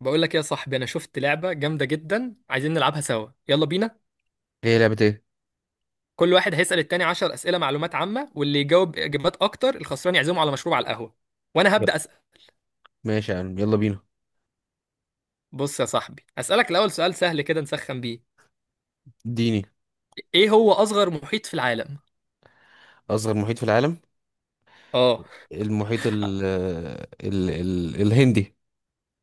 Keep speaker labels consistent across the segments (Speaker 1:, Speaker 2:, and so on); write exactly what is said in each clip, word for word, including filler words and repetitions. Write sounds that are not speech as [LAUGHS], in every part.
Speaker 1: بقول لك يا صاحبي، انا شفت لعبه جامده جدا. عايزين نلعبها سوا، يلا بينا.
Speaker 2: هي لعبة ايه؟
Speaker 1: كل واحد هيسأل التاني عشر أسئلة اسئله معلومات عامه، واللي يجاوب اجابات اكتر الخسران يعزمه على مشروب، على القهوه. وانا
Speaker 2: يلا.
Speaker 1: هبدأ أسأل.
Speaker 2: ماشي يا عم يلا بينا.
Speaker 1: بص يا صاحبي، أسألك الاول سؤال سهل كده نسخن بيه.
Speaker 2: اديني.
Speaker 1: ايه هو اصغر محيط في العالم؟
Speaker 2: أصغر محيط في العالم.
Speaker 1: اه.
Speaker 2: المحيط ال ال ال الهندي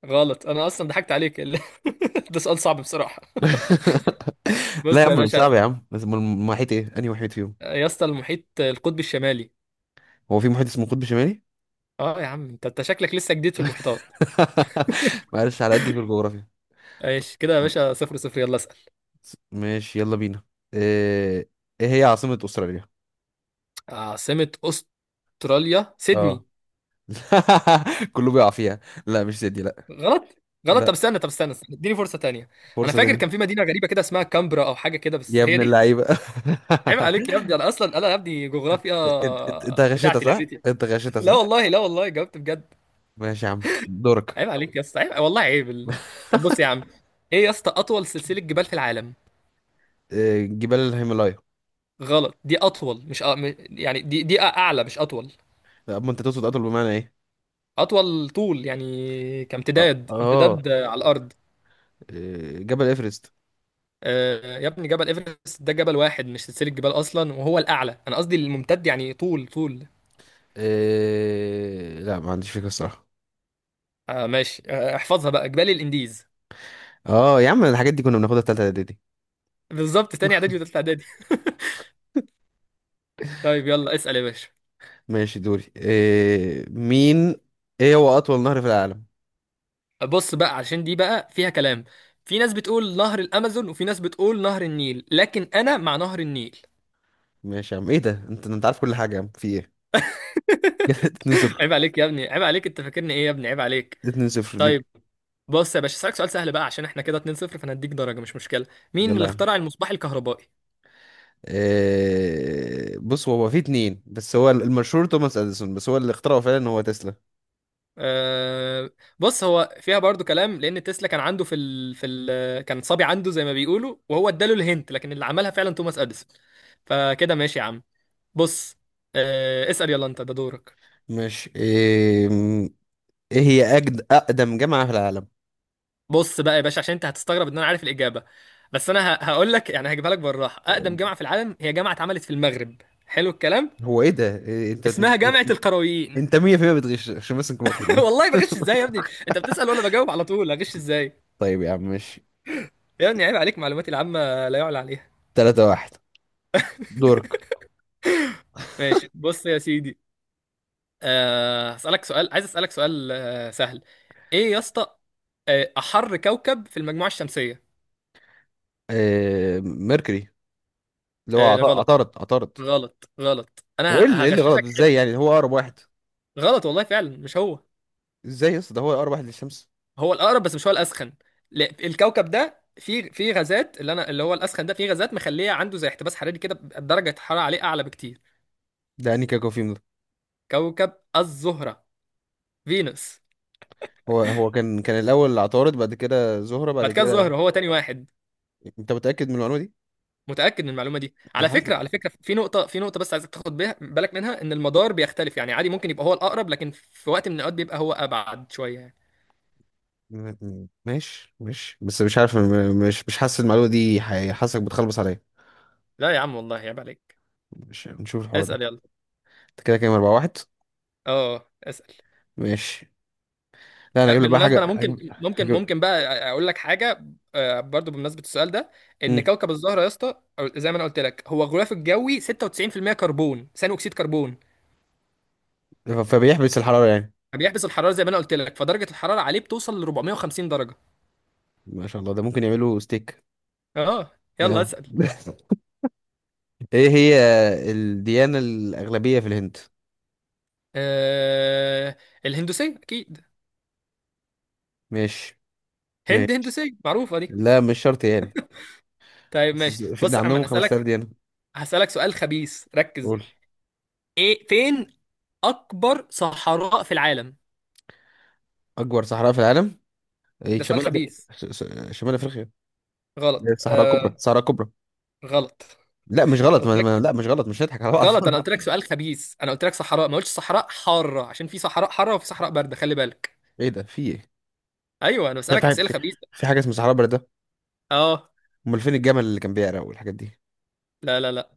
Speaker 1: غلط. انا اصلا ضحكت عليك [LAUGHS] ده سؤال صعب بصراحه.
Speaker 2: [LAUGHS] لا يا
Speaker 1: بص يا
Speaker 2: عم، صعب
Speaker 1: باشا،
Speaker 2: يا عم، بس أمال المحيط ايه؟ أنهي محيط فيهم؟
Speaker 1: يا اسطى، المحيط القطبي الشمالي.
Speaker 2: هو في محيط اسمه قطب شمالي؟
Speaker 1: اه يا عم، انت أنت شكلك لسه جديد في المحيطات.
Speaker 2: [LAUGHS] معلش، على قد في الجغرافيا.
Speaker 1: ايش كده يا
Speaker 2: طب.
Speaker 1: باشا، صفر صفر، يلا اسأل.
Speaker 2: ماشي يلا بينا. ايه، إيه هي عاصمة أستراليا؟
Speaker 1: عاصمة أستراليا
Speaker 2: اه.
Speaker 1: سيدني.
Speaker 2: [LAUGHS] كله بيقع فيها. لا، مش سيدي، لا.
Speaker 1: غلط. غلط. طب
Speaker 2: لا،
Speaker 1: استنى طب استنى استنى. اديني فرصة تانية. انا
Speaker 2: فرصة
Speaker 1: فاكر
Speaker 2: تانية.
Speaker 1: كان في مدينة غريبة كده اسمها كامبرا او حاجة كده،
Speaker 2: يا
Speaker 1: بس هي
Speaker 2: ابن
Speaker 1: دي.
Speaker 2: اللعيبة.
Speaker 1: عيب عليك يا ابني، انا اصلا انا يا ابني جغرافيا
Speaker 2: [LAUGHS] انت انت أنت غشيتها
Speaker 1: بتاعتي
Speaker 2: صح؟
Speaker 1: لعبتي
Speaker 2: انت
Speaker 1: [LAUGHS]
Speaker 2: غشيتها
Speaker 1: لا
Speaker 2: صح؟
Speaker 1: والله، لا والله جاوبت بجد.
Speaker 2: ماشي يا عم، دورك.
Speaker 1: عيب عليك يا اسطى، عيب والله، عيب ال...
Speaker 2: [LAUGHS]
Speaker 1: طب بص يا عم، ايه يا اسطى اطول سلسلة جبال في العالم؟
Speaker 2: آه، جبال الهيمالايا.
Speaker 1: غلط، دي اطول، مش أ... م- يعني دي دي اعلى مش اطول.
Speaker 2: لا، اما انت تقصد اطول بمعنى ايه.
Speaker 1: اطول طول، يعني
Speaker 2: اه
Speaker 1: كامتداد،
Speaker 2: اه.
Speaker 1: امتداد على الارض.
Speaker 2: آه، جبل ايفرست.
Speaker 1: آه، يا ابني جبل ايفرست ده جبل واحد مش سلسلة جبال اصلا، وهو الاعلى، انا قصدي الممتد، يعني طول طول.
Speaker 2: آه، لا ما عنديش فكره الصراحه.
Speaker 1: آه ماشي، آه احفظها بقى، جبال الانديز.
Speaker 2: اه يا عم، الحاجات دي كنا بناخدها في تالتة اعدادي.
Speaker 1: بالظبط، تاني اعدادي وتالتة اعدادي [LAUGHS] طيب يلا اسأل يا باشا.
Speaker 2: ماشي، دوري. آه، مين. ايه هو اطول نهر في العالم.
Speaker 1: بص بقى، عشان دي بقى فيها كلام. في ناس بتقول نهر الامازون، وفي ناس بتقول نهر النيل، لكن انا مع نهر النيل.
Speaker 2: ماشي يا عم، ايه ده، انت انت عارف كل حاجه يا عم، في ايه. [LAUGHS] 2
Speaker 1: [LAUGHS]
Speaker 2: 0
Speaker 1: عيب عليك يا ابني، عيب عليك، انت فاكرني ايه يا ابني؟ عيب عليك.
Speaker 2: اتنين صفر
Speaker 1: طيب
Speaker 2: ليك.
Speaker 1: بص يا باشا، اسالك سؤال سهل بقى عشان احنا كده اتنين صفر، فانا هديك درجة مش مشكلة. مين
Speaker 2: يلا
Speaker 1: اللي
Speaker 2: يا عم.
Speaker 1: اخترع المصباح الكهربائي؟
Speaker 2: آه، بص، هو في اتنين بس هو المشهور توماس اديسون، بس هو اللي اخترعه فعلا هو تسلا.
Speaker 1: أه. بص، هو فيها برضو كلام، لان تسلا كان عنده في ال... في ال... كان صبي عنده زي ما بيقولوا، وهو اداله الهنت، لكن اللي عملها فعلا توماس اديسون. فكده ماشي يا عم. بص. أه اسأل يلا، انت ده دورك.
Speaker 2: ماشي. إيه، ايه هي أجد اقدم جامعه في العالم.
Speaker 1: بص بقى يا باشا، عشان انت هتستغرب ان انا عارف الاجابه، بس انا ه... هقول لك يعني، هجيبها لك بالراحه. اقدم جامعه في العالم هي جامعه اتعملت في المغرب. حلو الكلام.
Speaker 2: هو ايه ده، إيه انت.
Speaker 1: اسمها جامعه القرويين.
Speaker 2: انت مية في المية بتغش، عشان بس نكون
Speaker 1: [LAUGHS]
Speaker 2: واضحين.
Speaker 1: والله بغش ازاي يا ابني؟ انت بتسأل وانا بجاوب على طول، هغش ازاي؟
Speaker 2: طيب يا عم ماشي.
Speaker 1: يا ابني عيب عليك، معلوماتي العامه لا يعلى عليها.
Speaker 2: تلاتة واحد. دورك.
Speaker 1: ماشي، بص يا سيدي. أه هسألك سؤال، عايز أسألك سؤال أه سهل. ايه يا اسطى؟ آه، احر كوكب في المجموعة الشمسية.
Speaker 2: آه، ميركوري. اللي هو
Speaker 1: أه،
Speaker 2: عط-
Speaker 1: غلط.
Speaker 2: عطارد عطارد
Speaker 1: غلط، غلط،
Speaker 2: هو
Speaker 1: انا
Speaker 2: ايه اللي، إيه اللي غلط
Speaker 1: هغششك
Speaker 2: ازاي
Speaker 1: حتة.
Speaker 2: يعني، هو اقرب واحد.
Speaker 1: غلط والله، فعلا مش هو.
Speaker 2: ازاي يا اسطى، ده هو اقرب واحد للشمس.
Speaker 1: هو الأقرب بس مش هو الأسخن. لا، الكوكب ده فيه فيه غازات، اللي انا اللي هو الأسخن ده فيه غازات مخليه عنده زي احتباس حراري كده، بيبقى درجة الحرارة عليه أعلى بكتير.
Speaker 2: ده انهي كوكب فيهم ده.
Speaker 1: كوكب الزهرة، فينوس.
Speaker 2: هو هو كان كان الاول عطارد، بعد كده زهره، بعد
Speaker 1: بعد كده
Speaker 2: كده.
Speaker 1: الزهرة، هو تاني واحد.
Speaker 2: انت متاكد من المعلومه دي.
Speaker 1: متأكد من المعلومة دي
Speaker 2: انا
Speaker 1: على
Speaker 2: حاسس
Speaker 1: فكرة.
Speaker 2: م-
Speaker 1: على فكرة في نقطة، في نقطة بس عايزك تاخد بيها- بالك منها، ان المدار بيختلف يعني. عادي ممكن يبقى هو الأقرب، لكن في وقت من الأوقات بيبقى هو أبعد شوية يعني.
Speaker 2: م- ماشي ماشي بس مش عارف، م- مش مش حاسس المعلومه دي، حي- حاسسك بتخلبص عليا.
Speaker 1: لا يا عم والله، عيب عليك.
Speaker 2: مش نشوف الحوار ده.
Speaker 1: اسأل يلا.
Speaker 2: انت كده كام، أربعة واحد.
Speaker 1: اه اسأل.
Speaker 2: ماشي. لا أنا
Speaker 1: آه،
Speaker 2: هجيب لك بقى
Speaker 1: بالمناسبة، انا
Speaker 2: حاجة،
Speaker 1: ممكن
Speaker 2: هجيب
Speaker 1: ممكن
Speaker 2: هجيب
Speaker 1: ممكن بقى اقول لك حاجة. آه، برضو بمناسبة السؤال ده، ان
Speaker 2: مم.
Speaker 1: كوكب الزهرة يا اسطى، أو زي ما انا قلت لك، هو غلاف الجوي ستة وتسعين بالمية كربون، ثاني اكسيد كربون.
Speaker 2: ف- فبيحبس الحرارة يعني.
Speaker 1: فبيحبس الحرارة زي ما انا قلت لك، فدرجة الحرارة عليه بتوصل ل أربعمائة وخمسين درجة.
Speaker 2: ما شاء الله، ده ممكن يعملوا ستيك.
Speaker 1: اه. يلا
Speaker 2: ده.
Speaker 1: اسأل.
Speaker 2: [LAUGHS] ايه هي الديانة الأغلبية في الهند.
Speaker 1: آه، الهندوسية أكيد.
Speaker 2: ماشي
Speaker 1: هند
Speaker 2: ماشي
Speaker 1: هندوسية معروفة دي.
Speaker 2: لا، مش شرط يعني.
Speaker 1: طيب ماشي،
Speaker 2: بس في-
Speaker 1: بص
Speaker 2: ده
Speaker 1: يا عم
Speaker 2: عندهم
Speaker 1: أنا
Speaker 2: خمسة آلاف
Speaker 1: هسألك،
Speaker 2: ديانة.
Speaker 1: هسألك سؤال خبيث، ركز.
Speaker 2: قول.
Speaker 1: إيه فين أكبر صحراء في العالم؟
Speaker 2: أكبر صحراء في العالم. ايه،
Speaker 1: ده سؤال
Speaker 2: شمال أفريقيا،
Speaker 1: خبيث.
Speaker 2: ش- ش- شمال أفريقيا.
Speaker 1: غلط.
Speaker 2: الصحراء الكبرى
Speaker 1: آه،
Speaker 2: الصحراء الكبرى
Speaker 1: غلط.
Speaker 2: لا مش غلط،
Speaker 1: أنا قلت
Speaker 2: ما... ما...
Speaker 1: لك
Speaker 2: لا مش غلط، مش هنضحك على بعض.
Speaker 1: غلط، أنا قلت لك سؤال خبيث. أنا قلت لك صحراء، ما قلتش صحراء حارة، عشان في صحراء حارة وفي صحراء باردة، خلي بالك.
Speaker 2: [LAUGHS] ايه ده، في ايه.
Speaker 1: أيوه، أنا بسألك
Speaker 2: في
Speaker 1: أسئلة
Speaker 2: في
Speaker 1: خبيثة.
Speaker 2: في حاجة اسمها صحراء بلد ده.
Speaker 1: أه.
Speaker 2: امال فين الجمل اللي كان بيعرق والحاجات دي.
Speaker 1: لا لا لا،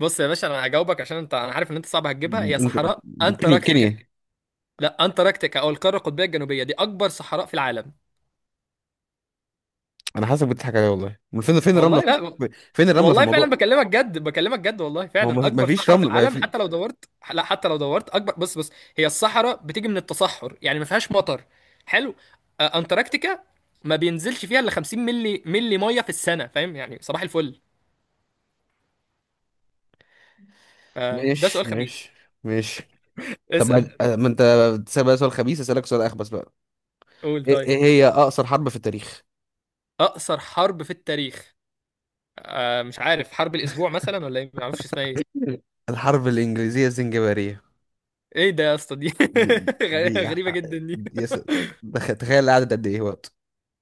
Speaker 1: بص يا باشا، أنا هجاوبك عشان أنت، أنا عارف إن أنت صعب هتجيبها. هي
Speaker 2: انت-
Speaker 1: صحراء
Speaker 2: كيني
Speaker 1: أنتاركتيكا.
Speaker 2: كيني
Speaker 1: لا، انتاركتيكا، او القاره القطبيه الجنوبيه، دي اكبر صحراء في العالم.
Speaker 2: انا حاسس بتضحك عليا والله، من فين، فين الرمله.
Speaker 1: والله لا،
Speaker 2: في... فين الرمله في
Speaker 1: والله فعلا
Speaker 2: الموضوع.
Speaker 1: بكلمك جد، بكلمك جد، والله
Speaker 2: ما هو
Speaker 1: فعلا
Speaker 2: ما
Speaker 1: اكبر
Speaker 2: فيش
Speaker 1: صحراء في
Speaker 2: رمله، ما
Speaker 1: العالم
Speaker 2: في...
Speaker 1: حتى لو دورت. لا، حتى لو دورت اكبر. بص بص، هي الصحراء بتيجي من التصحر، يعني ما فيهاش مطر. حلو. آه، انتاركتيكا ما بينزلش فيها الا خمسين ملي ملي ميه في السنه، فاهم يعني، صباح الفل. آه، ده سؤال
Speaker 2: ماشي
Speaker 1: خبيث.
Speaker 2: ماشي ماشي. طب
Speaker 1: اسال.
Speaker 2: ما ما انت بتسال بقى سؤال خبيث، اسالك سؤال اخبث بقى.
Speaker 1: قول
Speaker 2: ايه،
Speaker 1: طيب.
Speaker 2: إيه هي اقصر حرب في التاريخ.
Speaker 1: اقصر حرب في التاريخ. آه، مش عارف، حرب الاسبوع مثلا ولا ايه؟ ما اعرفش اسمها ايه.
Speaker 2: [LAUGHS] الحرب الانجليزيه الزنجباريه.
Speaker 1: ايه ده يا اسطى دي؟
Speaker 2: دي.
Speaker 1: [LAUGHS]
Speaker 2: دي,
Speaker 1: غريبه جدا دي.
Speaker 2: دي... يس... دخ... تخيل قعدت قد ايه وقت.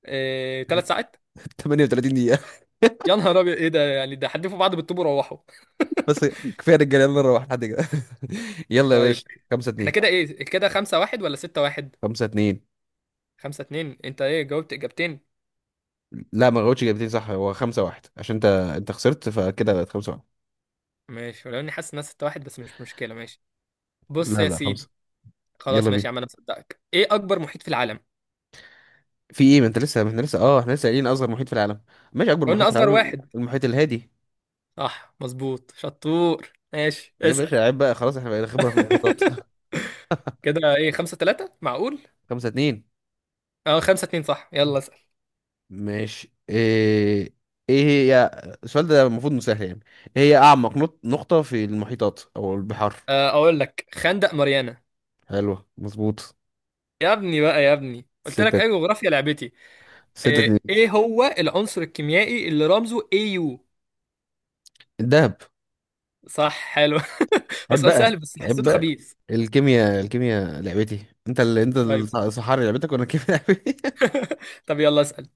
Speaker 1: إيه... ثلاث ساعات؟
Speaker 2: [LAUGHS] تمنية وتلاتين دقيقة دقيقه. [LAUGHS]
Speaker 1: يا نهار ابيض، ايه ده يعني، ده حدفوا بعض بالطوب وروحوا.
Speaker 2: بس كفايه رجاله، يلا نروح لحد كده. [LAUGHS]
Speaker 1: [LAUGHS]
Speaker 2: يلا يا
Speaker 1: طيب.
Speaker 2: باشا. 5
Speaker 1: احنا
Speaker 2: 2
Speaker 1: كده ايه، كده خمسة واحد ولا ستة واحد؟
Speaker 2: خمسة اتنين.
Speaker 1: خمسة اتنين؟ انت ايه، جاوبت اجابتين؟
Speaker 2: لا ما جاوبتش اجابتين صح، هو خمسة واحد عشان انت، انت خسرت، فكده بقت خمسة واحد.
Speaker 1: ماشي، ولو اني حاسس انها ستة واحد، بس مش مشكلة، ماشي. بص
Speaker 2: لا
Speaker 1: يا
Speaker 2: لا، خمسة.
Speaker 1: سيدي.
Speaker 2: يلا
Speaker 1: خلاص ماشي
Speaker 2: بينا.
Speaker 1: يا عم، انا مصدقك. ايه اكبر محيط في العالم؟
Speaker 2: في ايه، ما انت لسه، ما احنا لسه، اه احنا لسه قايلين اصغر محيط في العالم. ماشي، اكبر محيط
Speaker 1: قلنا
Speaker 2: في
Speaker 1: اصغر
Speaker 2: العالم
Speaker 1: واحد.
Speaker 2: المحيط الهادي.
Speaker 1: صح، مظبوط، شطور، ماشي
Speaker 2: يا
Speaker 1: اسأل.
Speaker 2: باشا عيب بقى، خلاص احنا بقينا خبرة في المحيطات.
Speaker 1: [LAUGHS] كده ايه، خمسة تلاتة معقول؟
Speaker 2: [LAUGHS] خمسة اتنين.
Speaker 1: اه، خمسة اتنين صح، يلا اسأل.
Speaker 2: ماشي. ايه، ايه هي السؤال ده المفروض إنه سهل يعني. ايه هي اعمق نط- نقطة في المحيطات او البحار.
Speaker 1: آه، اقول لك، خندق ماريانا.
Speaker 2: حلوة، مظبوط.
Speaker 1: يا ابني بقى، يا ابني قلت لك
Speaker 2: ستة.
Speaker 1: اي جغرافيا لعبتي.
Speaker 2: ستة
Speaker 1: ايه،
Speaker 2: اتنين.
Speaker 1: إيه هو العنصر الكيميائي اللي رمزه اي يو؟
Speaker 2: الدهب.
Speaker 1: صح، حلو. [LAUGHS] هو
Speaker 2: عيب
Speaker 1: سؤال
Speaker 2: بقى
Speaker 1: سهل بس
Speaker 2: عيب
Speaker 1: حسيته
Speaker 2: بقى
Speaker 1: خبيث.
Speaker 2: الكيمياء، الكيمياء لعبتي، انت اللي انت.
Speaker 1: طيب.
Speaker 2: الصحاري لعبتك وانا الكيمياء لعبتي. [LAUGHS]
Speaker 1: [LAUGHS] طب يلا اسال.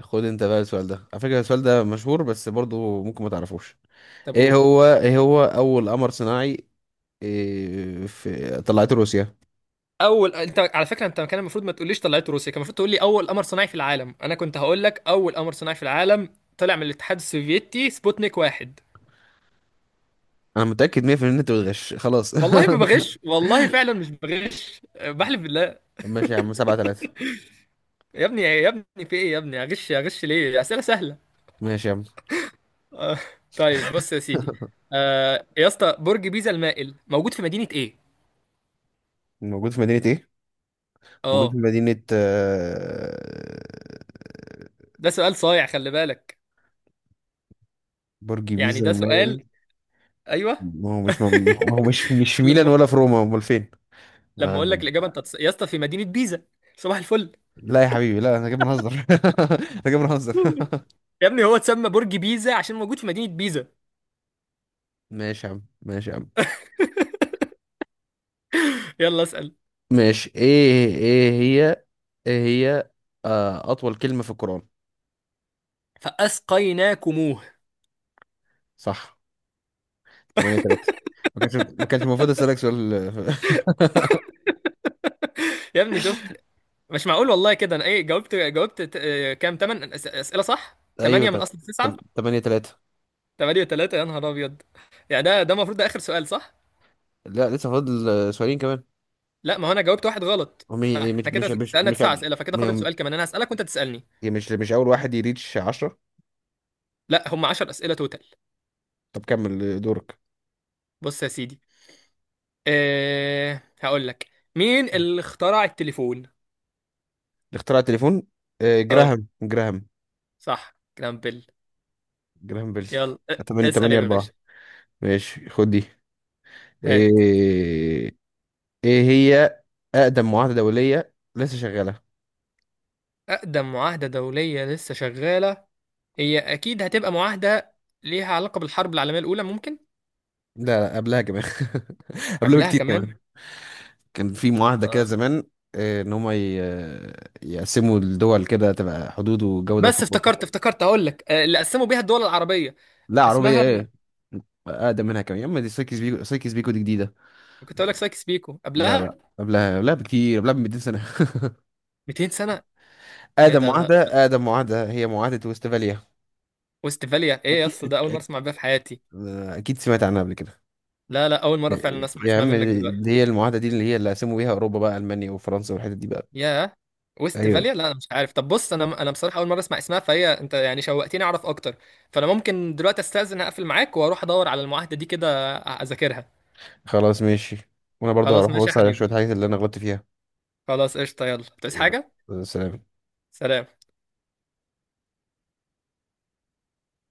Speaker 2: خد انت بقى السؤال ده، على فكرة السؤال ده مشهور بس برضو ممكن ما تعرفوش.
Speaker 1: طب
Speaker 2: ايه
Speaker 1: قول.
Speaker 2: هو ايه هو اول قمر صناعي. إيه، في طلعته روسيا.
Speaker 1: اول، انت على فكره، انت كان المفروض ما تقوليش طلعت روسيا، كان المفروض تقول لي اول قمر صناعي في العالم، انا كنت هقول لك اول قمر صناعي في العالم طلع من الاتحاد السوفيتي، سبوتنيك واحد.
Speaker 2: انا متأكد مية في المية ان انت بتغش خلاص.
Speaker 1: والله ما بغش، والله فعلا مش بغش، آه، بحلف بالله.
Speaker 2: [LAUGHS] ماشي يا عم. سبعة تلاتة.
Speaker 1: يا ابني، يا ابني، في ايه يا ابني؟ اغش اغش ليه؟ اسئله سهله.
Speaker 2: ماشي يا عم.
Speaker 1: آه، طيب بص يا سيدي. آه يا اسطى، برج بيزا المائل موجود في مدينة ايه؟
Speaker 2: موجود في مدينة ايه. موجود في
Speaker 1: اه.
Speaker 2: مدينة آه،.
Speaker 1: ده سؤال صايع، خلي بالك،
Speaker 2: برج
Speaker 1: يعني
Speaker 2: بيزا
Speaker 1: ده سؤال.
Speaker 2: المايل.
Speaker 1: ايوه.
Speaker 2: ما هو مش، ما هو مش،
Speaker 1: [LAUGHS]
Speaker 2: مش في ميلان
Speaker 1: لما،
Speaker 2: ولا في روما، امال فين.
Speaker 1: لما اقول
Speaker 2: آه،.
Speaker 1: لك الاجابه انت هتص... يا اسطى في مدينة بيزا. صباح الفل.
Speaker 2: لا يا حبيبي لا، انا جاي بنهزر. [LAUGHS] انا جاي بنهزر.
Speaker 1: يا ابني هو اتسمى برج بيزا عشان موجود في مدينة بيزا.
Speaker 2: [LAUGHS] ماشي يا عم ماشي يا عم.
Speaker 1: يلا اسأل.
Speaker 2: ماشي. ايه، ايه هي ايه هي آه اطول كلمة في القرآن.
Speaker 1: فأسقيناكموه.
Speaker 2: صح. تمنية تلاتة. ما كانش ما كانش المفروض اسالك سؤال. [LAUGHS]
Speaker 1: يا ابني شفت، مش معقول والله كده. انا ايه، جاوبت جاوبت ت- آه، كام تمن أس- أسئلة صح؟
Speaker 2: ايوه
Speaker 1: ثمانية من
Speaker 2: تلاتة.
Speaker 1: اصل
Speaker 2: تم-
Speaker 1: تسعة.
Speaker 2: تمنية تلاتة.
Speaker 1: ثمانية و3، يا نهار ابيض. يعني ده ده المفروض ده اخر سؤال صح؟
Speaker 2: لا لسه فاضل آه، سؤالين كمان.
Speaker 1: لا ما هو انا جاوبت واحد غلط،
Speaker 2: هم إيه- إيه، مش
Speaker 1: فاحنا
Speaker 2: مش
Speaker 1: كده
Speaker 2: مش
Speaker 1: سألنا
Speaker 2: مش
Speaker 1: تسع أسئلة، فكده فاضل
Speaker 2: م-
Speaker 1: سؤال كمان، انا هسألك وانت تسألني.
Speaker 2: مش مش اول واحد يريتش عشرة.
Speaker 1: لا، هم 10 أسئلة توتال.
Speaker 2: طب كمل دورك.
Speaker 1: بص يا سيدي. أه هقول لك، مين اللي اخترع التليفون؟
Speaker 2: اختراع التليفون. آه،
Speaker 1: اه،
Speaker 2: جراهام جراهام
Speaker 1: صح، كلام، بيل.
Speaker 2: جراهام بيل.
Speaker 1: يلا أ-
Speaker 2: 8
Speaker 1: اسأل يا
Speaker 2: تمنية أربعة.
Speaker 1: باشا.
Speaker 2: ماشي خد دي.
Speaker 1: هات.
Speaker 2: ايه، ايه هي اقدم معاهده دوليه لسه شغاله.
Speaker 1: أقدم معاهدة دولية لسه شغالة. هي أكيد هتبقى معاهدة ليها علاقة بالحرب العالمية الأولى، ممكن.
Speaker 2: لا لا، قبلها كمان. [LAUGHS] قبلها
Speaker 1: قبلها
Speaker 2: بكتير
Speaker 1: كمان.
Speaker 2: كمان. كان في معاهده كده
Speaker 1: اه،
Speaker 2: زمان. آه، ان هم ي- يقسموا الدول كده تبقى حدود وجوده في
Speaker 1: بس
Speaker 2: اوروبا.
Speaker 1: افتكرت، افتكرت هقول لك آه، اللي قسموا بيها الدول العربية.
Speaker 2: لا، عربيه
Speaker 1: اسمها،
Speaker 2: ايه. اقدم منها كمان، يا اما دي سايكس بيكو، سايكس بيكو دي جديده.
Speaker 1: كنت اقول لك سايكس بيكو.
Speaker 2: لا
Speaker 1: قبلها
Speaker 2: لا قبلها، قبلها بكتير قبلها ب ميتين سنة سنه. [LAUGHS]
Speaker 1: 200 سنة؟ ايه
Speaker 2: اقدم
Speaker 1: ده، لا.
Speaker 2: معاهده اقدم معاهده هي معاهده وستفاليا.
Speaker 1: وستفاليا ايه يا
Speaker 2: اكيد،
Speaker 1: اسطى؟ ده
Speaker 2: أك-
Speaker 1: اول مره
Speaker 2: أك-
Speaker 1: اسمع بيها في حياتي.
Speaker 2: اكيد سمعت عنها قبل كده.
Speaker 1: لا لا، اول مره
Speaker 2: يا
Speaker 1: فعلا اسمع
Speaker 2: يا
Speaker 1: اسمها
Speaker 2: عم.
Speaker 1: منك دلوقتي.
Speaker 2: دي هي المعاهدة دي اللي هي اللي قسموا بيها أوروبا بقى، ألمانيا وفرنسا والحتت دي بقى.
Speaker 1: ياه،
Speaker 2: ايوه.
Speaker 1: وستفاليا. لا انا مش عارف. طب بص، انا انا بصراحه اول مره اسمع اسمها، فهي انت يعني شوقتني اعرف اكتر، فانا ممكن دلوقتي استاذن اقفل معاك واروح ادور على المعاهده دي كده، اذاكرها.
Speaker 2: خلاص ماشي. وأنا برضو
Speaker 1: خلاص
Speaker 2: هروح
Speaker 1: ماشي يا
Speaker 2: أبص على شوية
Speaker 1: حبيبي.
Speaker 2: حاجات اللي أنا غلطت فيها.
Speaker 1: خلاص قشطه، يلا بتعوز
Speaker 2: يلا.
Speaker 1: حاجه؟
Speaker 2: سلام.
Speaker 1: سلام.